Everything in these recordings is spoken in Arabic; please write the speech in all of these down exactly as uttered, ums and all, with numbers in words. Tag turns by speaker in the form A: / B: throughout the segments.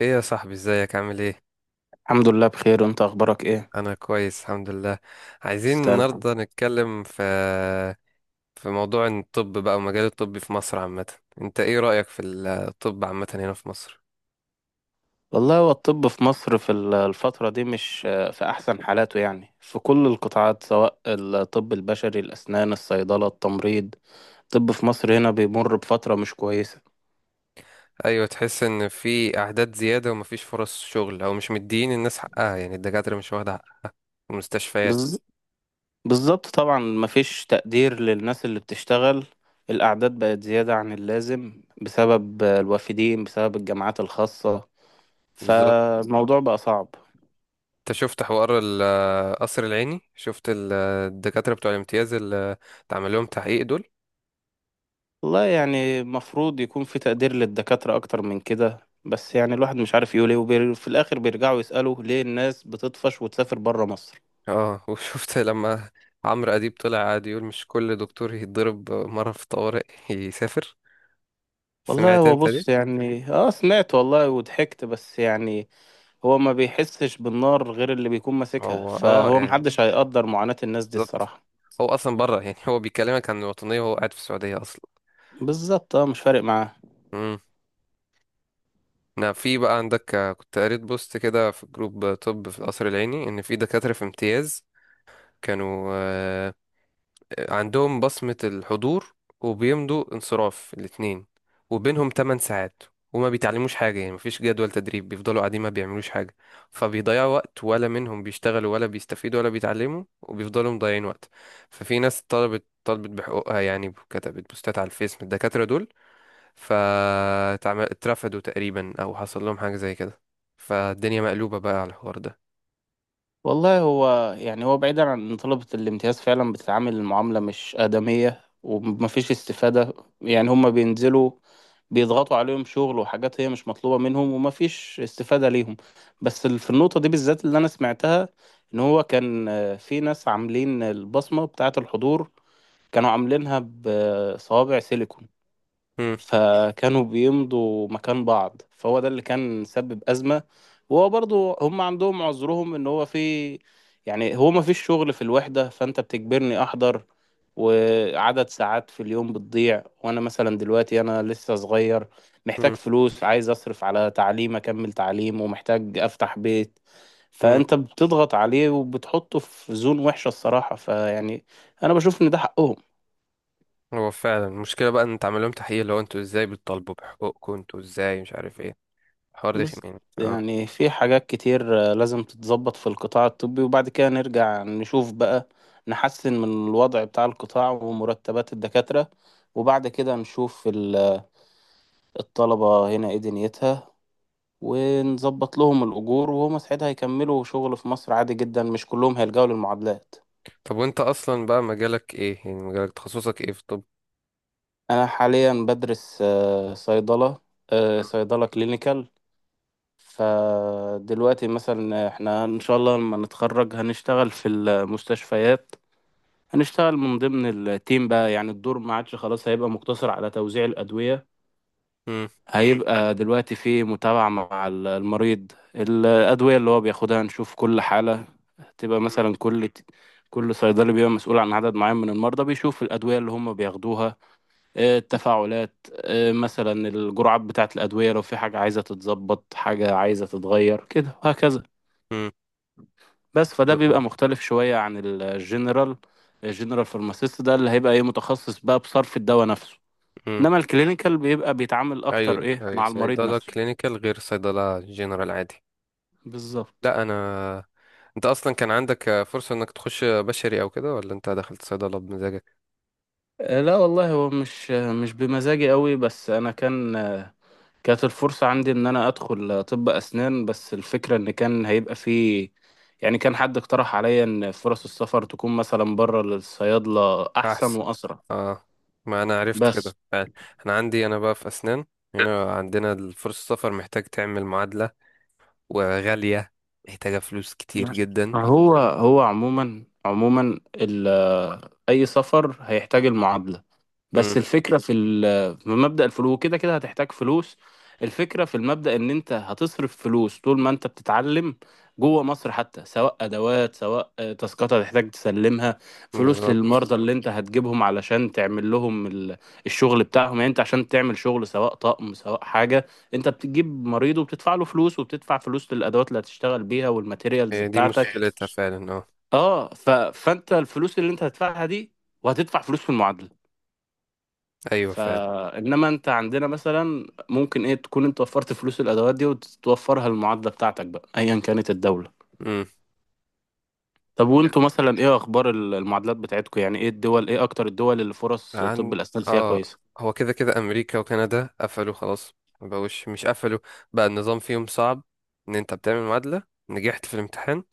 A: ايه يا صاحبي؟ ازيك؟ عامل ايه؟
B: الحمد لله بخير، وانت اخبارك ايه؟
A: انا كويس الحمد لله. عايزين
B: تستاهل الحمد.
A: النهارده نتكلم في في موضوع الطب بقى ومجال الطب في مصر عامه. انت ايه رأيك في الطب عامه هنا في مصر؟
B: والله هو الطب في مصر في ال- الفترة دي مش آه، في احسن حالاته، يعني في كل القطاعات سواء الطب البشري، الاسنان، الصيدلة، التمريض. الطب في مصر هنا بيمر بفترة مش كويسة.
A: ايوه، تحس ان في اعداد زياده ومفيش فرص شغل، او مش مديين الناس حقها، يعني الدكاتره مش واخده حق المستشفيات.
B: بز... بالظبط، طبعا مفيش تقدير للناس اللي بتشتغل. الاعداد بقت زيادة عن اللازم بسبب آه، الوافدين، بسبب الجامعات الخاصة.
A: بالظبط.
B: فالموضوع بقى صعب.
A: انت شفت حوار ال- القصر العيني؟ شفت ال- الدكاتره بتوع الامتياز اللي اتعمل لهم تحقيق دول؟
B: والله يعني المفروض يكون في تقدير للدكاترة أكتر من كده، بس يعني الواحد مش عارف يقول ايه، وفي الآخر بيرجعوا يسألوا ليه الناس بتطفش وتسافر برا مصر.
A: اه وشفت لما عمرو اديب طلع قاعد يقول مش كل دكتور يتضرب مرة في طوارئ يسافر؟
B: والله
A: سمعت
B: هو
A: انت دي؟
B: بص يعني، اه سمعت والله وضحكت، بس يعني هو ما بيحسش بالنار غير اللي بيكون ماسكها،
A: هو اه،
B: فهو
A: يعني
B: محدش هيقدر معاناة الناس دي
A: بالظبط.
B: الصراحة.
A: هو اصلا بره، يعني هو بيكلمك عن الوطنية وهو قاعد في السعودية اصلا.
B: بالظبط، اه مش فارق معاه.
A: امم. نعم، في بقى عندك، آه، كنت قريت بوست كده في جروب طب في القصر العيني، ان في دكاترة في امتياز كانوا آه، عندهم بصمة الحضور، وبيمضوا انصراف الاتنين وبينهم 8 ساعات، وما بيتعلموش حاجة، يعني مفيش جدول تدريب، بيفضلوا قاعدين ما بيعملوش حاجة، فبيضيعوا وقت، ولا منهم بيشتغلوا ولا بيستفيدوا ولا بيتعلموا، وبيفضلوا مضيعين وقت. ففي ناس طلبت طلبت بحقوقها، يعني كتبت بوستات على الفيس من الدكاترة دول، فاترفدوا تقريبا أو حصل لهم حاجة زي كده. فالدنيا مقلوبة بقى على الحوار ده.
B: والله هو يعني، هو بعيدا عن ان طلبة الامتياز فعلا بتتعامل المعاملة مش آدمية، ومفيش استفادة. يعني هما بينزلوا، بيضغطوا عليهم شغل وحاجات هي مش مطلوبة منهم، ومفيش استفادة ليهم. بس ال- في النقطة دي بالذات اللي أنا سمعتها، إن هو كان آه، في ناس عاملين البصمة بتاعة الحضور، كانوا عاملينها بصوابع سيليكون.
A: مم.
B: فكانوا بيمضوا مكان بعض، فهو ده اللي كان سبب أزمة. وهو برضو هم عندهم عذرهم، ان هو في، يعني هو ما فيش شغل في الوحدة، فانت بتجبرني احضر، وعدد ساعات في اليوم بتضيع، وانا مثلا دلوقتي انا لسه صغير، محتاج فلوس، عايز اصرف على تعليم، اكمل تعليم، ومحتاج افتح بيت.
A: مم.
B: فانت بتضغط عليه، وبتحطه في زون وحشة الصراحة، فيعني انا بشوف ان ده حقهم.
A: هو فعلا المشكلة بقى ان تعمل لهم تحقيق اللي هو انتوا ازاي بتطالبوا بحقوقكم، انتوا ازاي مش عارف ايه، الحوار ده.
B: بالظبط،
A: خمين، اه.
B: يعني في حاجات كتير آه، لازم تتظبط في القطاع الطبي، وبعد كده نرجع نشوف بقى، نحسن من الوضع بتاع القطاع ومرتبات الدكاترة، وبعد كده نشوف ال- الطلبة هنا ايه دنيتها، ونظبط لهم الأجور، وهم ساعتها هيكملوا شغل في مصر عادي جدا، مش كلهم هيلجأوا للمعادلات.
A: طب وانت اصلا بقى مجالك ايه، يعني مجالك تخصصك ايه في الطب؟
B: أنا حاليا بدرس آه، صيدلة، آه، صيدلة كلينيكال. فدلوقتي مثلا احنا إن شاء الله لما نتخرج هنشتغل في المستشفيات، هنشتغل من ضمن التيم بقى، يعني الدور ما عادش خلاص هيبقى مقتصر على توزيع الأدوية.
A: امم.
B: هيبقى دلوقتي في متابعة مع ال- المريض، الأدوية اللي هو بياخدها، نشوف كل حالة، تبقى مثلا كل كل صيدلي بيبقى مسؤول عن عدد معين من المرضى، بيشوف الأدوية اللي هم بياخدوها، آه، التفاعلات، آه، مثلا الجرعات بتاعة الأدوية، لو في حاجة عايزة تتظبط، حاجة عايزة تتغير كده، وهكذا.
A: امم.
B: بس فده بيبقى مختلف شوية عن الجنرال. الجنرال فارماسيست ده اللي هيبقى ايه، متخصص بقى بصرف الدواء نفسه،
A: امم.
B: انما الكلينيكال بيبقى بيتعامل اكتر
A: ايوه،
B: ايه
A: ايوه،
B: مع المريض
A: صيدلة
B: نفسه.
A: كلينيكال غير صيدلة جنرال عادي.
B: بالظبط.
A: لا. انا انت اصلا كان عندك آه، فرصة انك تخش بشري او كده، ولا انت دخلت صيدلة بمزاجك؟
B: آه، لا والله هو مش آه، مش بمزاجي قوي، بس انا كان آه، كانت الفرصة عندي ان انا ادخل آه، طب اسنان، بس الفكرة ان كان هيبقى فيه، يعني كان حد اقترح عليا ان فرص السفر تكون مثلا بره للصيادلة احسن
A: احسن.
B: واسرع.
A: اه، ما انا عرفت
B: بس
A: كده فعلا. انا عندي، انا بقى في اسنان، هنا عندنا الفرصة، السفر محتاج تعمل معادلة، وغالية، محتاجة فلوس كتير
B: ماشي.
A: جدا.
B: هو هو عموما عموما ال- اي سفر هيحتاج المعادله، بس
A: امم.
B: الفكرة في ال- في مبدأ الفلوس، كده كده هتحتاج فلوس. الفكرة في المبدأ ان انت هتصرف فلوس طول ما انت بتتعلم، جوه مصر حتى، سواء ادوات، سواء آه، تاسكات هتحتاج تسلمها، فلوس
A: بالظبط.
B: للمرضى اللي انت هتجيبهم علشان تعمل لهم ال- الشغل بتاعهم. يعني انت عشان تعمل شغل، سواء طقم سواء حاجة، انت بتجيب مريض وبتدفع له فلوس، وبتدفع فلوس للادوات اللي هتشتغل بيها والماتيريالز
A: هي دي
B: بتاعتك.
A: مشكلتها فعلا، اه.
B: اه ف... فانت الفلوس اللي انت هتدفعها دي، وهتدفع فلوس في المعادلة.
A: ايوه فعلا.
B: فانما انت عندنا مثلا ممكن ايه تكون انت وفرت فلوس الادوات دي، وتوفرها للمعادله بتاعتك بقى، ايا كانت الدوله.
A: امم.
B: طب وانتوا مثلا ايه اخبار ال- المعادلات بتاعتكم؟ يعني ايه الدول، ايه اكتر الدول اللي فرص طب
A: عن
B: الاسنان فيها
A: اه
B: كويسه؟
A: هو كده كده امريكا وكندا قفلوا خلاص. ما بقوش، مش قفلوا، بقى النظام فيهم صعب، ان انت بتعمل معادلة، نجحت في الامتحان،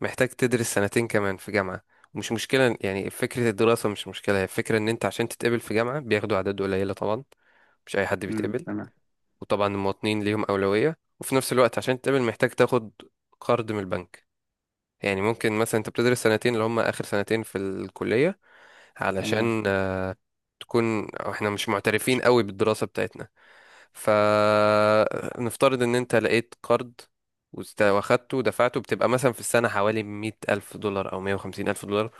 A: محتاج تدرس سنتين كمان في جامعة. مش مشكلة يعني، فكرة الدراسة مش مشكلة، هي الفكرة ان انت عشان تتقبل في جامعة بياخدوا اعداد قليلة، طبعا مش اي حد
B: امم
A: بيتقبل.
B: تمام.
A: وطبعا المواطنين ليهم أولوية، وفي نفس الوقت عشان تقبل محتاج تاخد قرض من البنك. يعني ممكن مثلا انت بتدرس سنتين اللي هم آخر سنتين في الكلية،
B: تمام.
A: علشان آه، تكون، أو احنا مش معترفين قوي بالدراسة بتاعتنا. فنفترض ان انت لقيت قرض وست- واخدته ودفعته، بتبقى مثلا في السنة حوالي مية ألف دولار أو مية وخمسين ألف دولار،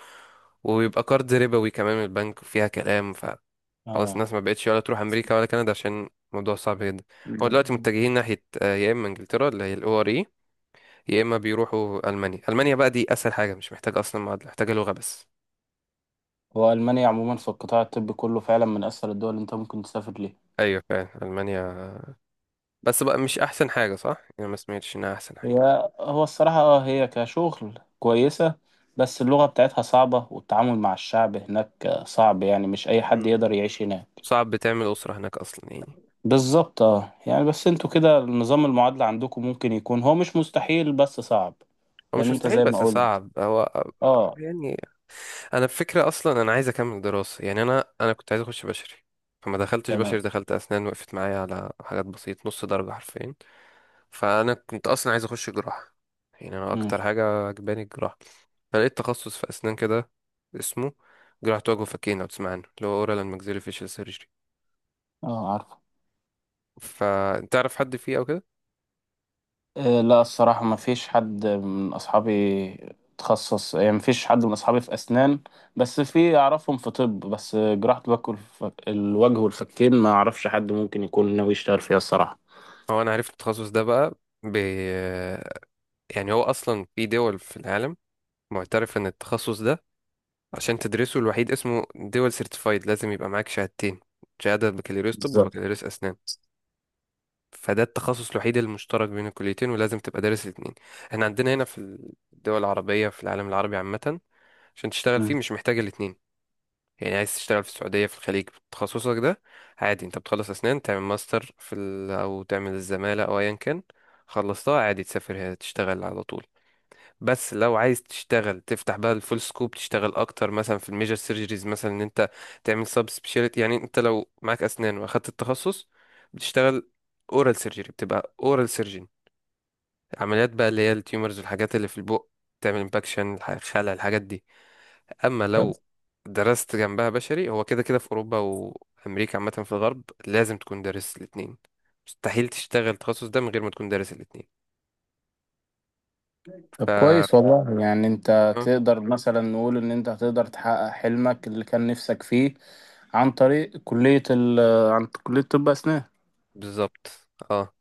A: ويبقى قرض ربوي كمان من البنك وفيها كلام. خلاص
B: اه.
A: الناس ما بقتش ولا تروح امريكا ولا كندا عشان الموضوع صعب جدا. هو
B: دي-
A: دلوقتي متجهين ناحيه آه، يا اما انجلترا اللي هي الاو ار اي، يا اما بيروحوا المانيا. المانيا بقى دي اسهل حاجه، مش محتاجه اصلا معادله، محتاجه لغه بس.
B: هو المانيا عموما في القطاع الطبي كله فعلا من اسهل الدول اللي انت ممكن تسافر ليها.
A: ايوه فعلا المانيا. بس بقى مش احسن حاجه صح؟ يعني ما سمعتش انها احسن حاجه.
B: هي هو الصراحه، اه هي كشغل كويسه، بس اللغه بتاعتها صعبه، والتعامل مع الشعب هناك آه، صعب، يعني مش اي حد
A: مم.
B: يقدر يعيش هناك.
A: صعب تعمل اسره هناك اصلا يعني.
B: بالظبط، اه يعني. بس انتوا كده نظام المعادلة عندكم ممكن يكون، هو مش مستحيل بس صعب،
A: هو
B: لان
A: مش
B: انت
A: مستحيل
B: زي ما
A: بس
B: قلت.
A: صعب، هو
B: اه.
A: يعني، انا الفكره اصلا، انا عايز اكمل دراسه. يعني انا انا كنت عايز اخش بشري، فما دخلتش
B: تمام.
A: بشري، دخلت اسنان، وقفت معايا على حاجات بسيطه، نص درجه حرفيا. فانا كنت اصلا عايز اخش جراحه، يعني انا
B: امم.
A: اكتر حاجه عجباني الجراحه. فلقيت تخصص في اسنان كده اسمه جراحه وجه وفكين، لو تسمع عنه، اللي هو اورال اند maxillofacial فيشل سيرجري.
B: اه عارفه.
A: فتعرف حد فيه او كده؟
B: آه لا، الصراحة ما فيش حد من اصحابي تخصص، يعني ما فيش حد من اصحابي في اسنان، بس في اعرفهم في طب، بس جراحة الوك- والف- الوجه والفكين ما اعرفش حد ممكن يكون ناوي يشتغل فيها الصراحة.
A: هو انا عرفت التخصص ده بقى، ب... يعني هو اصلا في دول في العالم معترف ان التخصص ده، عشان تدرسه، الوحيد اسمه دول سيرتيفايد، لازم يبقى معاك شهادتين: شهاده بكالوريوس طب
B: بالظبط.
A: وبكالوريوس اسنان. فده التخصص الوحيد المشترك بين الكليتين، ولازم تبقى دارس الاتنين. احنا عندنا هنا في الدول العربية، في العالم العربي عامة، عشان تشتغل
B: مم.
A: فيه مش محتاج الاتنين. يعني عايز تشتغل في السعودية، في الخليج، بتخصصك ده، عادي، انت بتخلص اسنان، تعمل ماستر في ال... او تعمل الزمالة او ايا كان، خلصتها عادي، تسافر هنا تشتغل على طول. بس لو عايز تشتغل تفتح بقى الفول سكوب، تشتغل اكتر مثلا في الميجر سيرجريز، مثلا ان انت تعمل سب سبيشاليتي. يعني انت لو معاك اسنان واخدت التخصص، بتشتغل اورال سيرجري، بتبقى اورال سيرجن، عمليات بقى، اللي هي التيومرز والحاجات اللي في البق، تعمل امباكشن، خلع، الحاجات دي. اما
B: طب.
A: لو درست جنبها بشري، هو كده كده في اوروبا وامريكا، عامه في الغرب، لازم تكون دارس الاتنين، مستحيل تشتغل التخصص ده من غير ما تكون دارس الاتنين.
B: طب
A: ف آه،
B: كويس والله، يعني انت تقدر مثلا نقول ان انت هتقدر تحقق حلمك اللي كان نفسك فيه عن طريق كلية ال آه، عن كلية طب أسنان.
A: بالظبط، اه.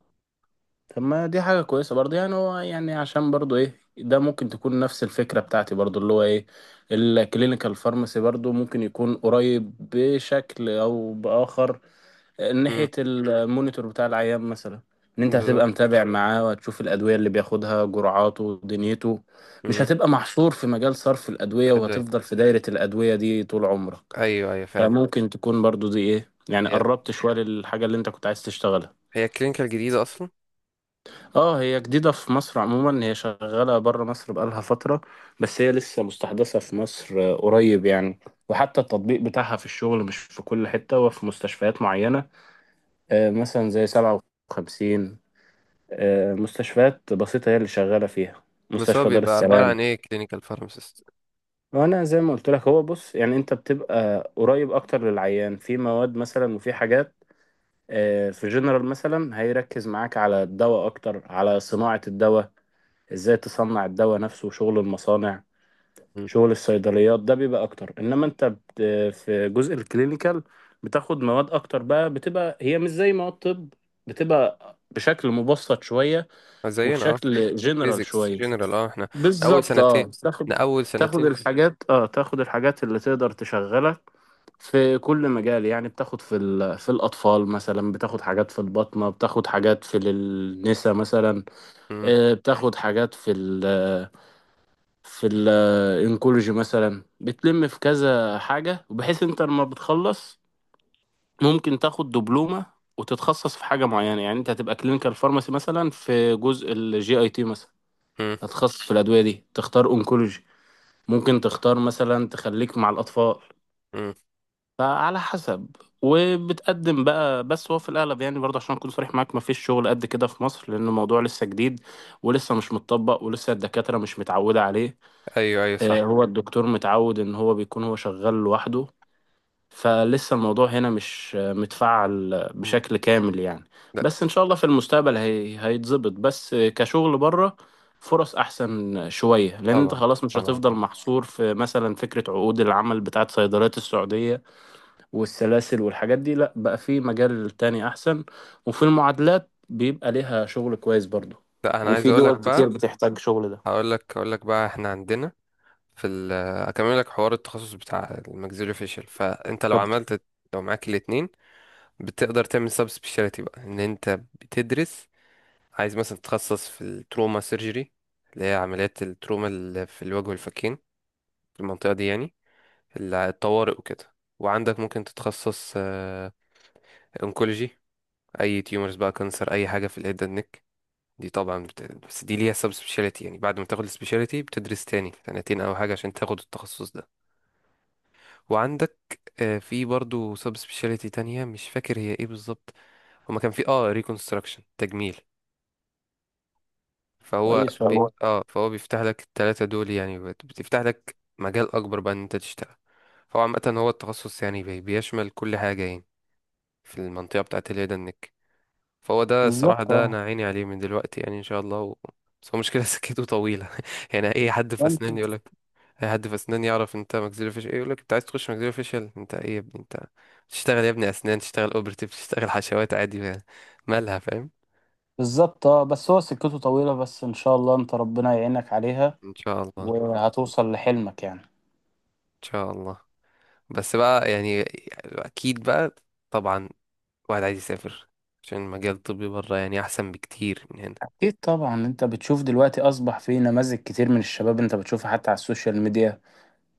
B: طب ما دي حاجة كويسة برضه، يعني هو يعني عشان برضه إيه ده، ممكن تكون نفس الفكرة بتاعتي برضه، اللي هو إيه الكلينيكال فارماسي برضه، ممكن يكون قريب بشكل أو بآخر، آه،
A: مم.
B: ناحية المونيتور بتاع العيان مثلا، إن أنت
A: بالظبط.
B: هتبقى متابع معاه، وهتشوف الأدوية اللي بياخدها، جرعاته، دنيته. مش
A: امم.
B: هتبقى محصور في مجال صرف الأدوية،
A: ادويه.
B: وهتفضل في دايرة الأدوية دي طول عمرك.
A: ايوه، ايوه، فعلا.
B: فممكن تكون برضو دي ايه يعني،
A: هي
B: قربت شوية للحاجة اللي انت كنت عايز تشتغلها.
A: هي كلينيكال جديده اصلا.
B: اه هي جديدة في مصر عموما، هي شغالة بره مصر بقالها فترة، بس هي لسه مستحدثة في مصر آه، قريب يعني. وحتى التطبيق بتاعها في الشغل مش في كل حتة، وفي مستشفيات معينة، آه، مثلا زي سبعة وخمسين، آه، مستشفيات بسيطة هي اللي شغالة فيها،
A: بس هو
B: مستشفى دار
A: بيبقى عباره
B: السلام.
A: عن ايه كلينيكال فارماسيست؟
B: وانا زي ما قلت لك، هو بص يعني انت بتبقى قريب اكتر للعيان، في مواد مثلا وفي حاجات. آه، في جنرال مثلا هيركز معاك على الدواء اكتر، على صناعة الدواء، ازاي تصنع الدواء نفسه، شغل المصانع، شغل الصيدليات، ده بيبقى اكتر. انما انت بت... في جزء الكلينيكال، بتاخد مواد اكتر بقى، بتبقى هي مش زي مواد طب، بتبقى بشكل مبسط شوية،
A: زينا اه.
B: وبشكل جنرال
A: بيزكس
B: شوية.
A: جنرال، اه، احنا إحنا اول
B: بالظبط،
A: سنتين
B: اه.
A: احنا
B: تاخد
A: اول
B: تاخد
A: سنتين
B: الحاجات، اه تاخد الحاجات اللي تقدر تشغلك في كل مجال. يعني بتاخد في ال- في الأطفال مثلا، بتاخد حاجات في البطنة، بتاخد حاجات في النساء مثلا،
A: امم.
B: آه، بتاخد حاجات في ال في الانكولوجي مثلا، بتلم في كذا حاجة، بحيث انت لما بتخلص ممكن تاخد دبلومة وتتخصص في حاجة معينة. يعني انت هتبقى كلينيكال فارماسي مثلا في جزء الجي اي تي مثلا،
A: امم.
B: هتخصص في الأدوية دي، تختار انكولوجي، ممكن تختار مثلا تخليك مع الأطفال،
A: امم.
B: فعلى حسب. وبتقدم بقى. بس هو في الاغلب، يعني برضه عشان اكون صريح معاك، مفيش شغل قد كده في مصر، لان الموضوع لسه جديد، ولسه مش متطبق، ولسه الدكاتره مش متعوده عليه.
A: ايوه، ايوه، صح.
B: آه، هو الدكتور متعود ان هو بيكون هو شغال لوحده، فلسه الموضوع هنا مش آه، متفعل آه،
A: امم.
B: بشكل كامل يعني.
A: لا.
B: بس ان شاء الله في المستقبل هي... هيتظبط. بس آه، كشغل بره فرص احسن شويه، لان انت
A: طبعا،
B: خلاص مش
A: طبعا.
B: هتفضل محصور في مثلا فكره عقود العمل بتاعت صيدليات السعوديه والسلاسل والحاجات دي، لا بقى في مجال تاني احسن، وفي المعادلات بيبقى ليها شغل كويس برضو،
A: لا، انا
B: يعني
A: عايز
B: في
A: اقول
B: دول
A: لك
B: كتير
A: بقى،
B: بتحتاج شغل ده.
A: هقول لك هقول لك بقى، احنا عندنا في ال اكمل لك حوار التخصص بتاع الماكسيلو فيشل. فانت لو
B: بالظبط
A: عملت، لو معاك الاتنين، بتقدر تعمل سب سبيشاليتي بقى، ان انت بتدرس، عايز مثلا تتخصص في التروما سيرجري، اللي هي عمليات التروما اللي في الوجه والفكين، في المنطقة دي يعني، اللي- الطوارئ وكده. وعندك ممكن تتخصص انكولوجي، اي تيومرز بقى، كانسر، اي حاجة في الهيد اند نيك. دي طبعا بت... بس دي ليها سب سبيشاليتي، يعني بعد ما تاخد السبيشاليتي بتدرس تاني سنتين او حاجة عشان تاخد التخصص ده. وعندك آه، في برضو سب سبيشاليتي تانية مش فاكر هي ايه بالظبط. هما كان في اه ريكونستراكشن، تجميل. فهو
B: كويس
A: بي...
B: والله.
A: اه فهو بيفتح لك التلاتة دول، يعني بت- بتفتح لك مجال اكبر بقى ان انت تشتغل. فهو عامة هو التخصص يعني بي... بيشمل كل حاجة يعني، في المنطقة بتاعت اليد النك. فهو ده الصراحة،
B: بالظبط،
A: ده
B: اه.
A: انا عيني عليه من دلوقتي، يعني ان شاء الله و... بس هو مشكلة سكته طويلة يعني اي حد في اسنان يقول
B: فأنت.
A: لك، اي حد في اسنان يعرف انت ماكسيلو فيش ايه، يقول لك انت عايز تخش ماكسيلو فيشل؟ انت ايه يا ابني انت؟ تشتغل يا ابني اسنان، تشتغل اوبرتيف، تشتغل حشوات عادي، مالها، فاهم؟
B: بالظبط، اه بس هو سكته طويلة، بس ان شاء الله انت ربنا يعينك عليها،
A: ان شاء الله، ان
B: وهتوصل لحلمك يعني.
A: شاء الله. بس بقى يعني، اكيد بقى، طبعا، واحد عايز يسافر عشان المجال الطبي بره يعني احسن بكتير من هنا.
B: اكيد طبعا، انت بتشوف دلوقتي اصبح في نماذج كتير من الشباب، انت بتشوفها حتى على السوشيال ميديا.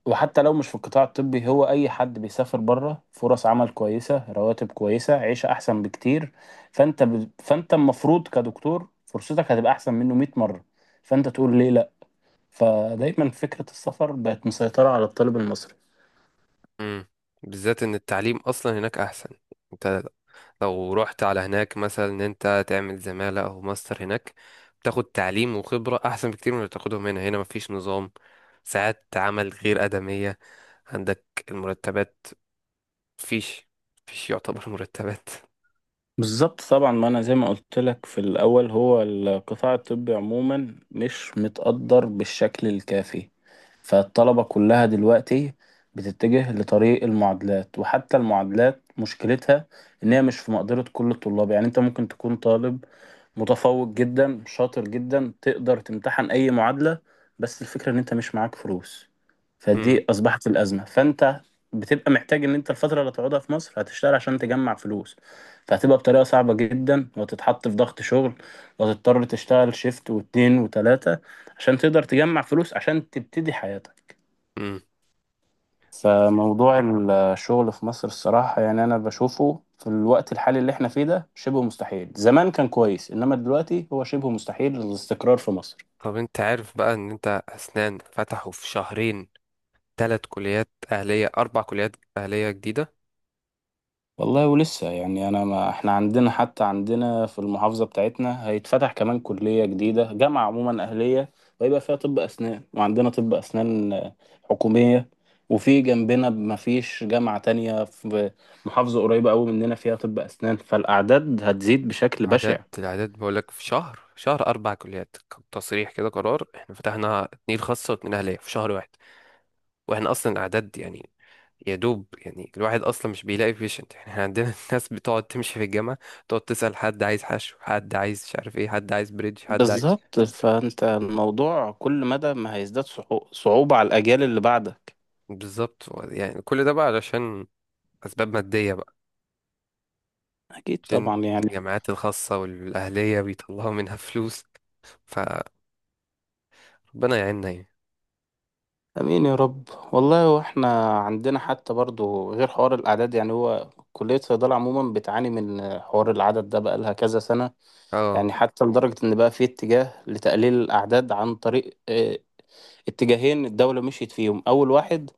B: وحتى لو مش في القطاع الطبي، هو أي حد بيسافر بره فرص عمل كويسة، رواتب كويسة، عيشة أحسن بكتير. فأنت ب... فأنت المفروض كدكتور فرصتك هتبقى أحسن منه مية مرة، فأنت تقول ليه لأ؟ فدايما فكرة السفر بقت مسيطرة على الطالب المصري.
A: امم. بالذات ان التعليم اصلا هناك احسن. انت لو رحت على هناك مثلا ان انت تعمل زمالة او ماستر هناك، بتاخد تعليم وخبرة احسن بكتير من اللي بتاخدهم هنا. هنا مفيش نظام، ساعات عمل غير آدمية. عندك المرتبات، مفيش مفيش يعتبر مرتبات.
B: بالظبط طبعا، ما انا زي ما قلت لك في الاول، هو القطاع الطبي عموما مش متقدر بالشكل الكافي، فالطلبة كلها دلوقتي بتتجه لطريق المعادلات. وحتى المعادلات مشكلتها ان هي مش في مقدرة كل الطلاب. يعني انت ممكن تكون طالب متفوق جدا، شاطر جدا، تقدر تمتحن اي معادلة، بس الفكرة ان انت مش معاك فلوس،
A: امم.
B: فدي اصبحت الازمة. فانت بتبقى محتاج ان انت الفترة اللي هتقعدها في مصر هتشتغل عشان تجمع فلوس، فهتبقى بطريقة صعبة جدا، وهتتحط في ضغط شغل، وهتضطر تشتغل شيفت واتنين وتلاتة عشان تقدر تجمع فلوس، عشان تبتدي حياتك.
A: امم.
B: فموضوع الشغل في مصر الصراحة، يعني أنا بشوفه في الوقت الحالي اللي احنا فيه ده شبه مستحيل. زمان كان كويس، إنما دلوقتي هو شبه مستحيل الاستقرار في مصر.
A: طب انت عارف بقى ان انت اسنان فتحوا في شهرين ثلاث كليات أهلية، أربع كليات أهلية جديدة؟
B: والله ولسه يعني، انا ما احنا عندنا، حتى عندنا في المحافظه بتاعتنا هيتفتح كمان كليه جديده، جامعه عموما اهليه، ويبقى فيها طب اسنان، وعندنا طب اسنان آه، حكوميه. وفي جنبنا ما فيش جامعه تانية في محافظه قريبه قوي مننا فيها طب اسنان، فالاعداد هتزيد بشكل
A: العدد
B: بشع.
A: العدد بقولك، في شهر، شهر أربع كليات، كان تصريح كده قرار، إحنا فتحنا اتنين خاصة واتنين أهلية في شهر واحد. وإحنا أصلا الأعداد، يعني يا دوب يعني الواحد أصلا مش بيلاقي بيشنت. إحنا عندنا ناس بتقعد تمشي في الجامعة، تقعد تسأل حد عايز حشو، حد عايز مش عارف إيه، حد عايز بريدج، حد عايز.
B: بالظبط، فانت الموضوع كل مدى ما هيزداد صعو- صعوبه على الاجيال اللي بعدك.
A: بالظبط. هو يعني كل ده بقى علشان أسباب مادية بقى،
B: اكيد طبعا
A: عشان
B: يعني.
A: الجامعات الخاصة والأهلية بيطلعوا منها فلوس. فربنا يعيننا يعني.
B: امين يا رب والله. واحنا عندنا حتى برضو غير حوار الاعداد، يعني هو كليه صيدله عموما بتعاني من حوار العدد ده بقى لها كذا سنه،
A: اه.
B: يعني حتى لدرجه ان بقى في اتجاه لتقليل الاعداد عن طريق آه، اتجاهين الدوله مشيت فيهم. اول واحد،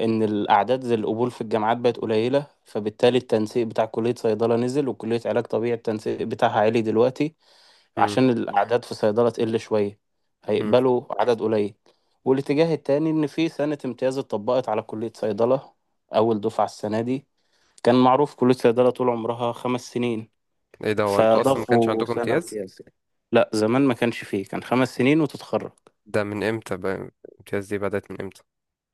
B: ان الاعداد زي القبول في الجامعات بقت قليله، فبالتالي التنسيق بتاع كليه صيدله نزل، وكليه علاج طبيعي التنسيق بتاعها عالي دلوقتي،
A: مم.
B: عشان الأعداد في صيدلة تقل شوية،
A: مم.
B: هيقبلوا عدد قليل. والاتجاه التاني إن في سنة امتياز اتطبقت على كلية صيدلة، أول دفعة السنة دي. كان معروف كلية صيدلة طول عمرها خمس سنين،
A: ايه ده؟ هو انتوا اصلا ما كانش
B: فضافوا
A: عندكم
B: سنة
A: امتياز؟
B: امتياز. لا زمان ما كانش فيه، كان خمس سنين وتتخرج.
A: ده من امتى بقى الامتياز دي، بدأت من امتى؟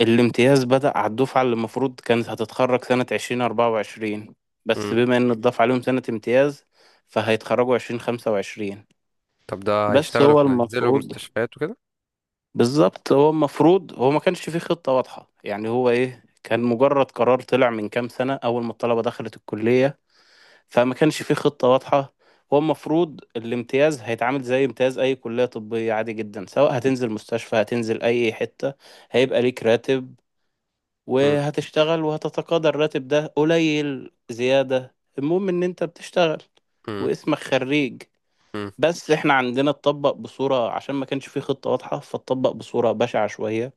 B: الامتياز بدأ على الدفعة اللي المفروض كانت هتتخرج سنة عشرين أربعة وعشرين، بس
A: مم.
B: بما إن اتضاف عليهم سنة امتياز، فهيتخرجوا عشرين خمسة وعشرين.
A: طب ده
B: بس
A: هيشتغلوا
B: هو
A: في، هينزلوا
B: المفروض
A: مستشفيات وكده؟
B: بالظبط، هو المفروض، هو ما كانش فيه خطة واضحة، يعني هو ايه، كان مجرد قرار طلع من كام سنة أول ما الطلبة دخلت الكلية، فما كانش فيه خطة واضحة. هو المفروض الامتياز هيتعامل زي امتياز أي كلية طبية عادي جدا، سواء هتنزل مستشفى هتنزل أي حتة هيبقى ليك راتب
A: مم.
B: وهتشتغل وهتتقاضى الراتب. ده قليل زيادة، المهم إن أنت بتشتغل
A: مم.
B: واسمك خريج.
A: مم.
B: بس احنا عندنا اتطبق بصورة، عشان ما كانش فيه خطة واضحة فاتطبق بصورة بشعة شوية.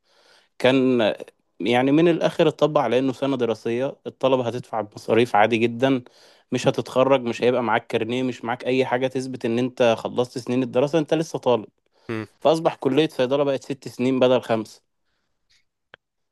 B: كان يعني من الآخر اتطبق على إنه سنة دراسية الطلبة هتدفع بمصاريف عادي جدا، مش هتتخرج، مش هيبقى معاك كارنيه، مش معاك أي حاجة تثبت إن أنت خلصت سنين الدراسة، أنت لسه طالب.
A: مم.
B: فأصبح كلية صيدلة بقت ست سنين بدل خمسة.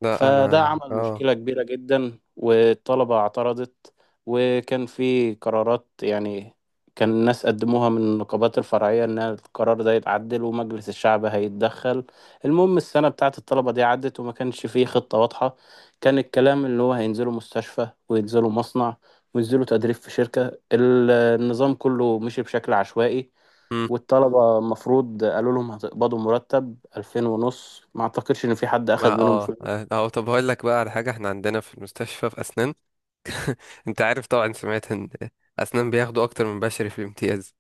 A: لا،
B: فده
A: انا
B: عمل
A: اه
B: مشكلة كبيرة جدا والطلبة اعترضت. وكان في قرارات يعني، كان الناس قدموها من النقابات الفرعية إن القرار ده يتعدل ومجلس الشعب هيتدخل. المهم السنة بتاعة الطلبة دي عدت وما كانش فيه خطة واضحة. كان الكلام اللي هو هينزلوا مستشفى وينزلوا مصنع وينزلوا تدريب في شركة. ال- النظام كله مشي بشكل عشوائي.
A: مم.
B: والطلبة المفروض قالوا لهم هتقبضوا مرتب ألفين ونص، ما أعتقدش إن في حد أخد
A: ما
B: منهم
A: اه
B: فلوس.
A: اه اه، طب هقول لك بقى على حاجة، احنا عندنا في المستشفى في اسنان، انت عارف طبعا، سمعت ان اسنان بياخدوا اكتر من بشري في الامتياز،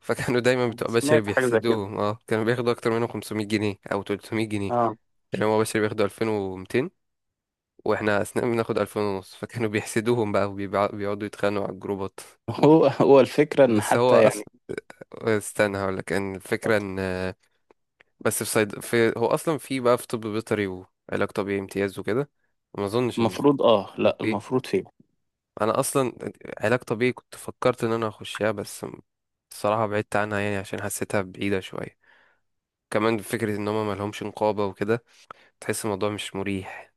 A: فكانوا دايما بتوع بشري
B: سمعت حاجة زي كده،
A: بيحسدوهم، اه كانوا بياخدوا اكتر منهم خمسمية جنيه او تلتمية جنيه،
B: اه.
A: يعني هو بشري بياخدوا ألفين ومتين واحنا اثناء بناخد ألفين ونص، فكانوا بيحسدوهم بقى وبيقعدوا يتخانقوا على الجروبات.
B: هو هو الفكرة إن
A: بس هو
B: حتى
A: اصلا،
B: يعني
A: استنى هقول لك ان الفكره ان، بس في صيد في، هو اصلا في بقى في طب بيطري وعلاج طبيعي امتياز وكده؟ ما اظنش ان في،
B: المفروض، آه
A: ولا
B: لأ
A: في.
B: المفروض فيه.
A: انا اصلا علاج طبيعي كنت فكرت ان انا اخشها، بس الصراحه بعدت عنها، يعني عشان حسيتها بعيده شويه، كمان فكره ان هما ملهمش نقابه وكده، تحس الموضوع مش مريح،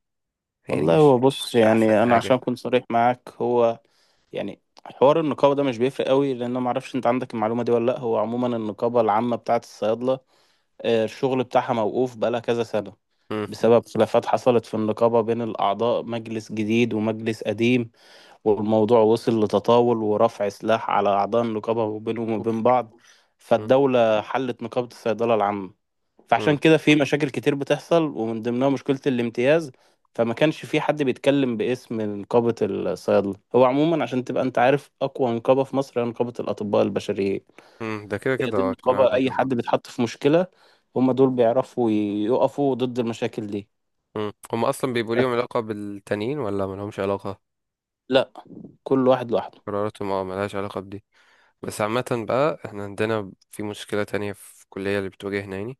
A: يعني
B: والله
A: مش
B: هو
A: مش
B: بص،
A: مش احسن
B: يعني أنا عشان
A: حاجه.
B: أكون صريح معاك، هو يعني حوار النقابة ده مش بيفرق قوي، لأن أنا معرفش أنت عندك المعلومة دي ولا لأ. هو عموما النقابة العامة بتاعة الصيادلة، آه، الشغل بتاعها موقوف بقالها كذا سنة
A: امم.
B: بسبب خلافات حصلت في النقابة بين الأعضاء، مجلس جديد ومجلس قديم، والموضوع وصل لتطاول ورفع سلاح على أعضاء النقابة وبينهم وبين بعض. فالدولة حلت نقابة الصيدلة العامة. فعشان
A: اوف.
B: كده في مشاكل كتير بتحصل، ومن ضمنها مشكلة الامتياز. فما كانش في حد بيتكلم باسم نقابة الصيادلة. هو عموما عشان تبقى انت عارف، أقوى نقابة في مصر هي نقابة الأطباء البشريين.
A: امم. ده كده
B: هي
A: كده،
B: دي
A: اه، بيكون
B: النقابة،
A: عادة.
B: أي حد بيتحط في مشكلة هم دول بيعرفوا يقفوا ضد المشاكل دي.
A: امم. هم اصلا بيبقوا ليهم
B: بس
A: علاقة بالتانيين ولا ملهمش علاقة؟
B: لا، كل واحد لوحده.
A: قراراتهم اه ملهاش علاقة بدي. بس عامة بقى احنا عندنا في مشكلة تانية في الكلية اللي بتواجهنا، يعني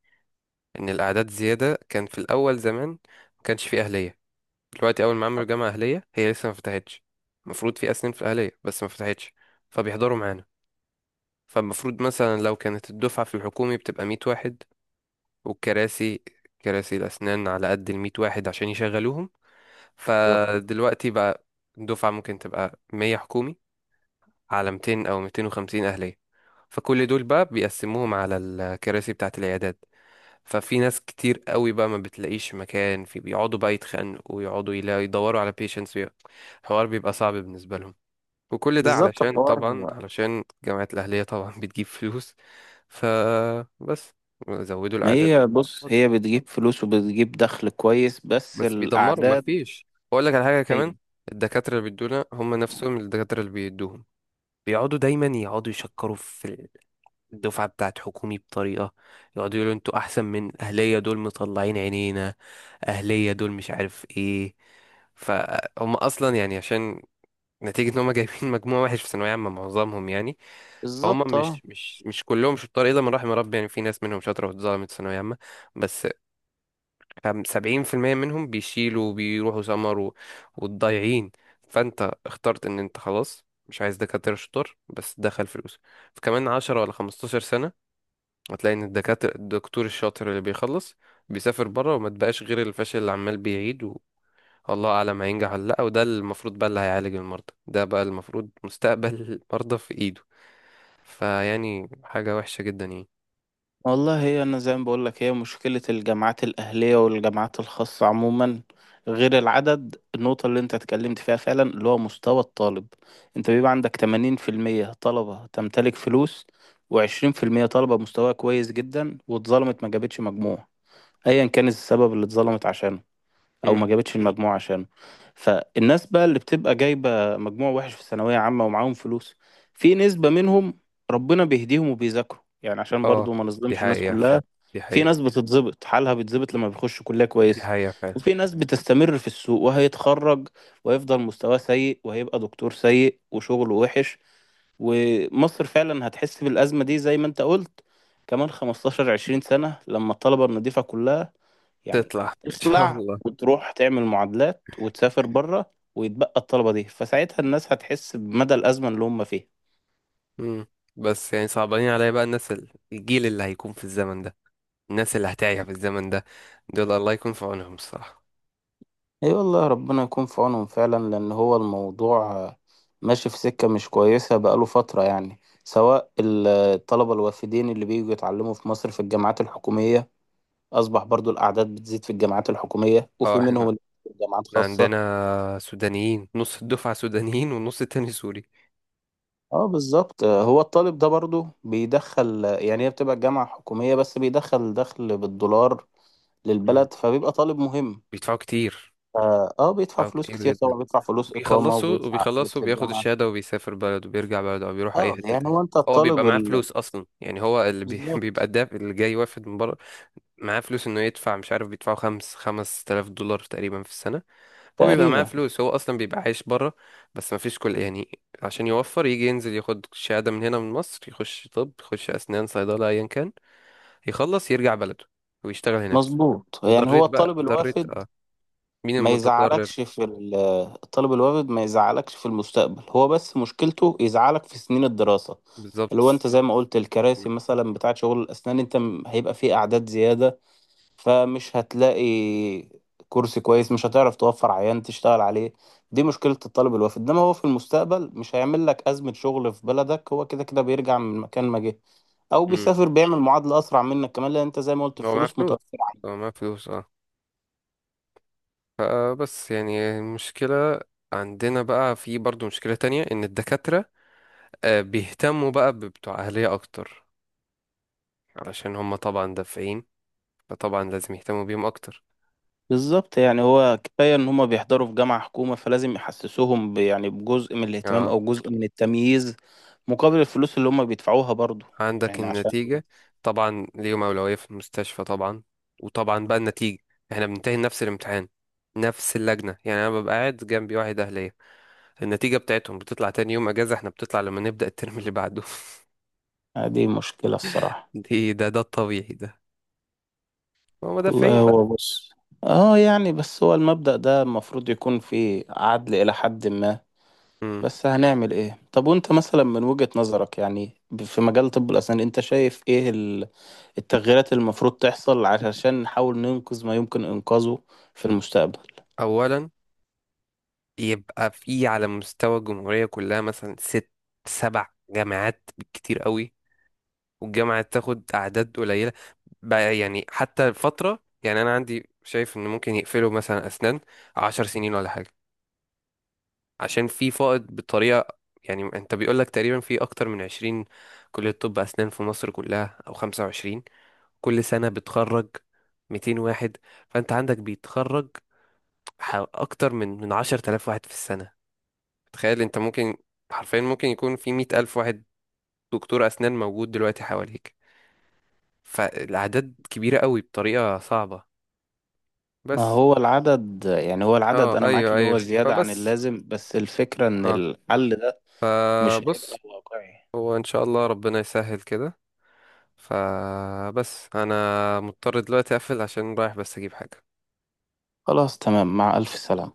A: ان الاعداد زيادة. كان في الاول زمان ما كانش فيه اهلية. دلوقتي اول ما عملوا جامعة اهلية، هي لسه ما فتحتش، المفروض في اسنان في الاهلية، بس ما فتحتش، فبيحضروا معانا. فالمفروض مثلا لو كانت الدفعة في الحكومي بتبقى 100 واحد، والكراسي كراسي الأسنان على قد الميت واحد عشان يشغلوهم.
B: بالظبط.
A: فدلوقتي بقى الدفعة ممكن تبقى 100 حكومي على ميتين أو ميتين وخمسين أهلية، فكل دول بقى بيقسموهم على الكراسي بتاعة العيادات. ففي ناس كتير قوي بقى ما بتلاقيش مكان، في بيقعدوا بقى يتخانقوا ويقعدوا يلا يدوروا على بيشنتس، الحوار بيبقى صعب بالنسبة لهم. وكل ده
B: بالظبط
A: علشان
B: الحوار.
A: طبعا، علشان جامعة الأهلية طبعا بتجيب فلوس. فبس زودوا
B: ما
A: الأعداد.
B: هي بص، هي بتجيب فلوس وبتجيب دخل كويس، بس
A: بس بيدمروا،
B: الأعداد.
A: مفيش، اقول لك على حاجه
B: هي
A: كمان: الدكاتره اللي بيدونا هم نفسهم الدكاتره اللي بيدوهم، بيقعدوا دايما يقعدوا يشكروا في الدفعه بتاعت حكومي بطريقه، يقعدوا يقولوا انتوا احسن من اهليه، دول مطلعين عينينا، اهليه دول مش عارف ايه. فهم اصلا يعني، عشان نتيجه ان هم جايبين مجموع وحش في ثانويه عامه معظمهم يعني. فهم
B: بالظبط، اه.
A: مش مش مش كلهم شطار الا من رحم ربي، يعني في ناس منهم شاطره واتظلمت في ثانويه عامه، بس خم- سبعين في المية منهم بيشيلوا وبيروحوا سمر و- والضايعين. فانت اخترت ان انت خلاص مش عايز دكاترة شطار، بس دخل فلوس. فكمان عشر ولا 15 سنة هتلاقي ان الدكاترة الدكتور الشاطر اللي بيخلص بيسافر بره، وما تبقاش غير الفاشل اللي عمال بيعيد والله اعلم هينجح ولا لا، وده المفروض بقى اللي هيعالج المرضى، ده بقى المفروض مستقبل المرضى في ايده. فيعني حاجة وحشة جدا يعني.
B: والله هي أنا زي ما بقولك، هي مشكلة الجامعات الأهلية والجامعات الخاصة عموما، غير العدد، النقطة اللي أنت اتكلمت فيها فعلا اللي هو مستوى الطالب. أنت بيبقى عندك تمانين في المية طلبة تمتلك فلوس، وعشرين في المية طلبة مستواها كويس جدا واتظلمت ما جابتش مجموع، أيا كان السبب اللي اتظلمت عشانه او
A: مم.
B: ما جابتش المجموع عشانه. فالناس بقى اللي بتبقى جايبه مجموع وحش في ثانويه عامه ومعاهم فلوس، في نسبه منهم ربنا بيهديهم وبيذاكروا، يعني عشان
A: اه،
B: برضو ما
A: دي
B: نظلمش الناس
A: حقيقة
B: كلها.
A: فعلا، دي
B: في ناس
A: حقيقة،
B: بتتظبط، حالها بيتظبط لما بيخش كليه
A: دي
B: كويسه،
A: حقيقة فعلا.
B: وفي ناس بتستمر في السوق وهيتخرج ويفضل مستواه سيء وهيبقى دكتور سيء وشغله وحش. ومصر فعلا هتحس بالأزمة دي زي ما انت قلت، كمان خمستاشر عشرين سنة، لما الطلبة النظيفة كلها يعني
A: تطلع ان شاء
B: تخلع
A: الله.
B: وتروح تعمل معادلات وتسافر بره ويتبقى الطلبة دي، فساعتها الناس هتحس بمدى الأزمة اللي هم فيها.
A: مم. بس يعني صعبانين عليا بقى الناس ال- الجيل اللي هيكون في الزمن ده، الناس اللي هتعيش في الزمن ده، دول الله يكون في عونهم الصراحة.
B: اي والله، ربنا يكون في عونهم فعلا، لأن هو الموضوع آه، ماشي في سكة مش كويسة بقاله فترة. يعني سواء ال- الطلبة الوافدين اللي بييجوا يتعلموا في مصر في الجامعات الحكومية، أصبح برضو الأعداد بتزيد في الجامعات الحكومية،
A: اه،
B: وفي منهم
A: احنا
B: اللي في جامعات
A: إحنا
B: خاصة.
A: عندنا سودانيين، نص الدفعة سودانيين والنص التاني سوري.
B: اه بالظبط. آه، هو الطالب ده برضو بيدخل، يعني هي بتبقى الجامعة حكومية بس بيدخل دخل بالدولار
A: مم.
B: للبلد، فبيبقى طالب مهم.
A: بيدفعوا كتير.
B: اه آه، بيدفع
A: بيدفعوا
B: فلوس
A: كتير
B: كتير
A: جدا.
B: طبعا، بيدفع فلوس إقامة
A: بيخلصوا
B: وبيدفع
A: وبيخلصوا
B: فلوس
A: بياخد
B: للجامعة.
A: الشهادة وبيسافر بلده وبيرجع بلده أو بيروح أي
B: اه
A: حتة
B: يعني
A: تانية.
B: هو انت
A: هو بيبقى
B: الطالب
A: معاه
B: ال...
A: فلوس أصلا، يعني هو اللي بي... بيبقى
B: بالظبط.
A: الدافع اللي جاي وافد من بره، معاه فلوس إنه يدفع. مش عارف، بيدفعوا خمس خمس تلاف دولار تقريبا في السنة. هو بيبقى معاه
B: تقريبا.
A: فلوس، هو اصلا بيبقى عايش بره، بس ما فيش كل يعني، عشان يوفر يجي ينزل ياخد شهادة من هنا من مصر، يخش طب، يخش اسنان، صيدلة، ايا كان، يخلص يرجع بلده ويشتغل هناك.
B: مظبوط، يعني هو
A: وضريت بقى
B: الطالب
A: ضريت،
B: الوافد
A: اه مين
B: ما
A: المتضرر؟
B: يزعلكش في ال- الطالب الوافد ما يزعلكش في المستقبل، هو بس مشكلته يزعلك في سنين الدراسة، اللي هو
A: بالظبط.
B: انت زي ما قلت الكراسي مثلا بتاعت شغل الأسنان. انت م- هيبقى فيه أعداد زيادة، فمش هتلاقي كرسي كويس، مش هتعرف توفر عيان تشتغل عليه. دي مشكلة الطالب الوافد، انما هو في المستقبل مش هيعمل لك أزمة شغل في بلدك، هو كده كده بيرجع من مكان ما جه او بيسافر بيعمل معادلة أسرع منك، كمان لأن انت زي ما قلت
A: هو معاه
B: الفلوس
A: فلوس،
B: متوفرة.
A: هو معاه فلوس. اه فبس يعني المشكلة، عندنا بقى في برضو مشكلة تانية، ان الدكاترة آه، بيهتموا بقى ببتوع اهلية اكتر، علشان هم طبعا دافعين، فطبعا لازم يهتموا بيهم اكتر.
B: بالظبط، يعني هو كفاية إن هما بيحضروا في جامعة حكومة فلازم يحسسوهم ب- يعني بجزء من الاهتمام
A: اه،
B: أو جزء من التمييز مقابل الفلوس اللي هما بيدفعوها برضو.
A: عندك
B: يعني عشان
A: النتيجة، طبعا ليهم اولوية في المستشفى، طبعا، وطبعا بقى النتيجة: احنا بننتهي نفس الامتحان، نفس اللجنة، يعني انا ببقى قاعد جنبي واحد اهلية، النتيجة بتاعتهم بتطلع تاني يوم اجازة، احنا بتطلع لما نبدأ الترم اللي بعده.
B: آه، دي مشكلة الصراحة.
A: دي، ده ده الطبيعي ده، ما هو مدافعين
B: والله
A: بقى.
B: هو بص، اه يعني بس هو المبدأ ده المفروض يكون فيه عدل إلى حد ما.
A: مم.
B: بس هنعمل ايه؟ طب وانت مثلا من وجهة نظرك، يعني ب- في مجال طب الأسنان انت شايف ايه ال- التغييرات اللي المفروض تحصل علشان نحاول ننقذ ما يمكن إنقاذه في المستقبل؟
A: اولا يبقى في على مستوى الجمهوريه كلها مثلا ست سبع جامعات بالكتير قوي، والجامعه تاخد اعداد قليله بقى. يعني حتى الفتره، يعني انا عندي شايف ان ممكن يقفلوا مثلا اسنان عشر سنين ولا حاجه، عشان في فائض بطريقه. يعني انت بيقول لك تقريبا في اكتر من عشرين كليه طب اسنان في مصر كلها او خمسة وعشرين، كل سنه بتخرج 200 واحد، فانت عندك بيتخرج ح- اكتر من من عشر تلاف واحد في السنة. تخيل انت ممكن حرفيا ممكن يكون في مية ألف واحد دكتور اسنان موجود دلوقتي حواليك. فالاعداد كبيرة قوي بطريقة صعبة،
B: ما
A: بس
B: هو العدد، يعني هو
A: اه
B: العدد انا معاك
A: ايوه،
B: ان
A: ايوه،
B: هو زيادة عن
A: فبس
B: اللازم، بس الفكرة ان
A: اه
B: الحل ده مش هيبقى
A: فبص،
B: واقعي.
A: هو ان شاء الله ربنا يسهل كده. فبس انا مضطر دلوقتي اقفل عشان رايح بس اجيب حاجة.
B: خلاص تمام، مع الف سلامة.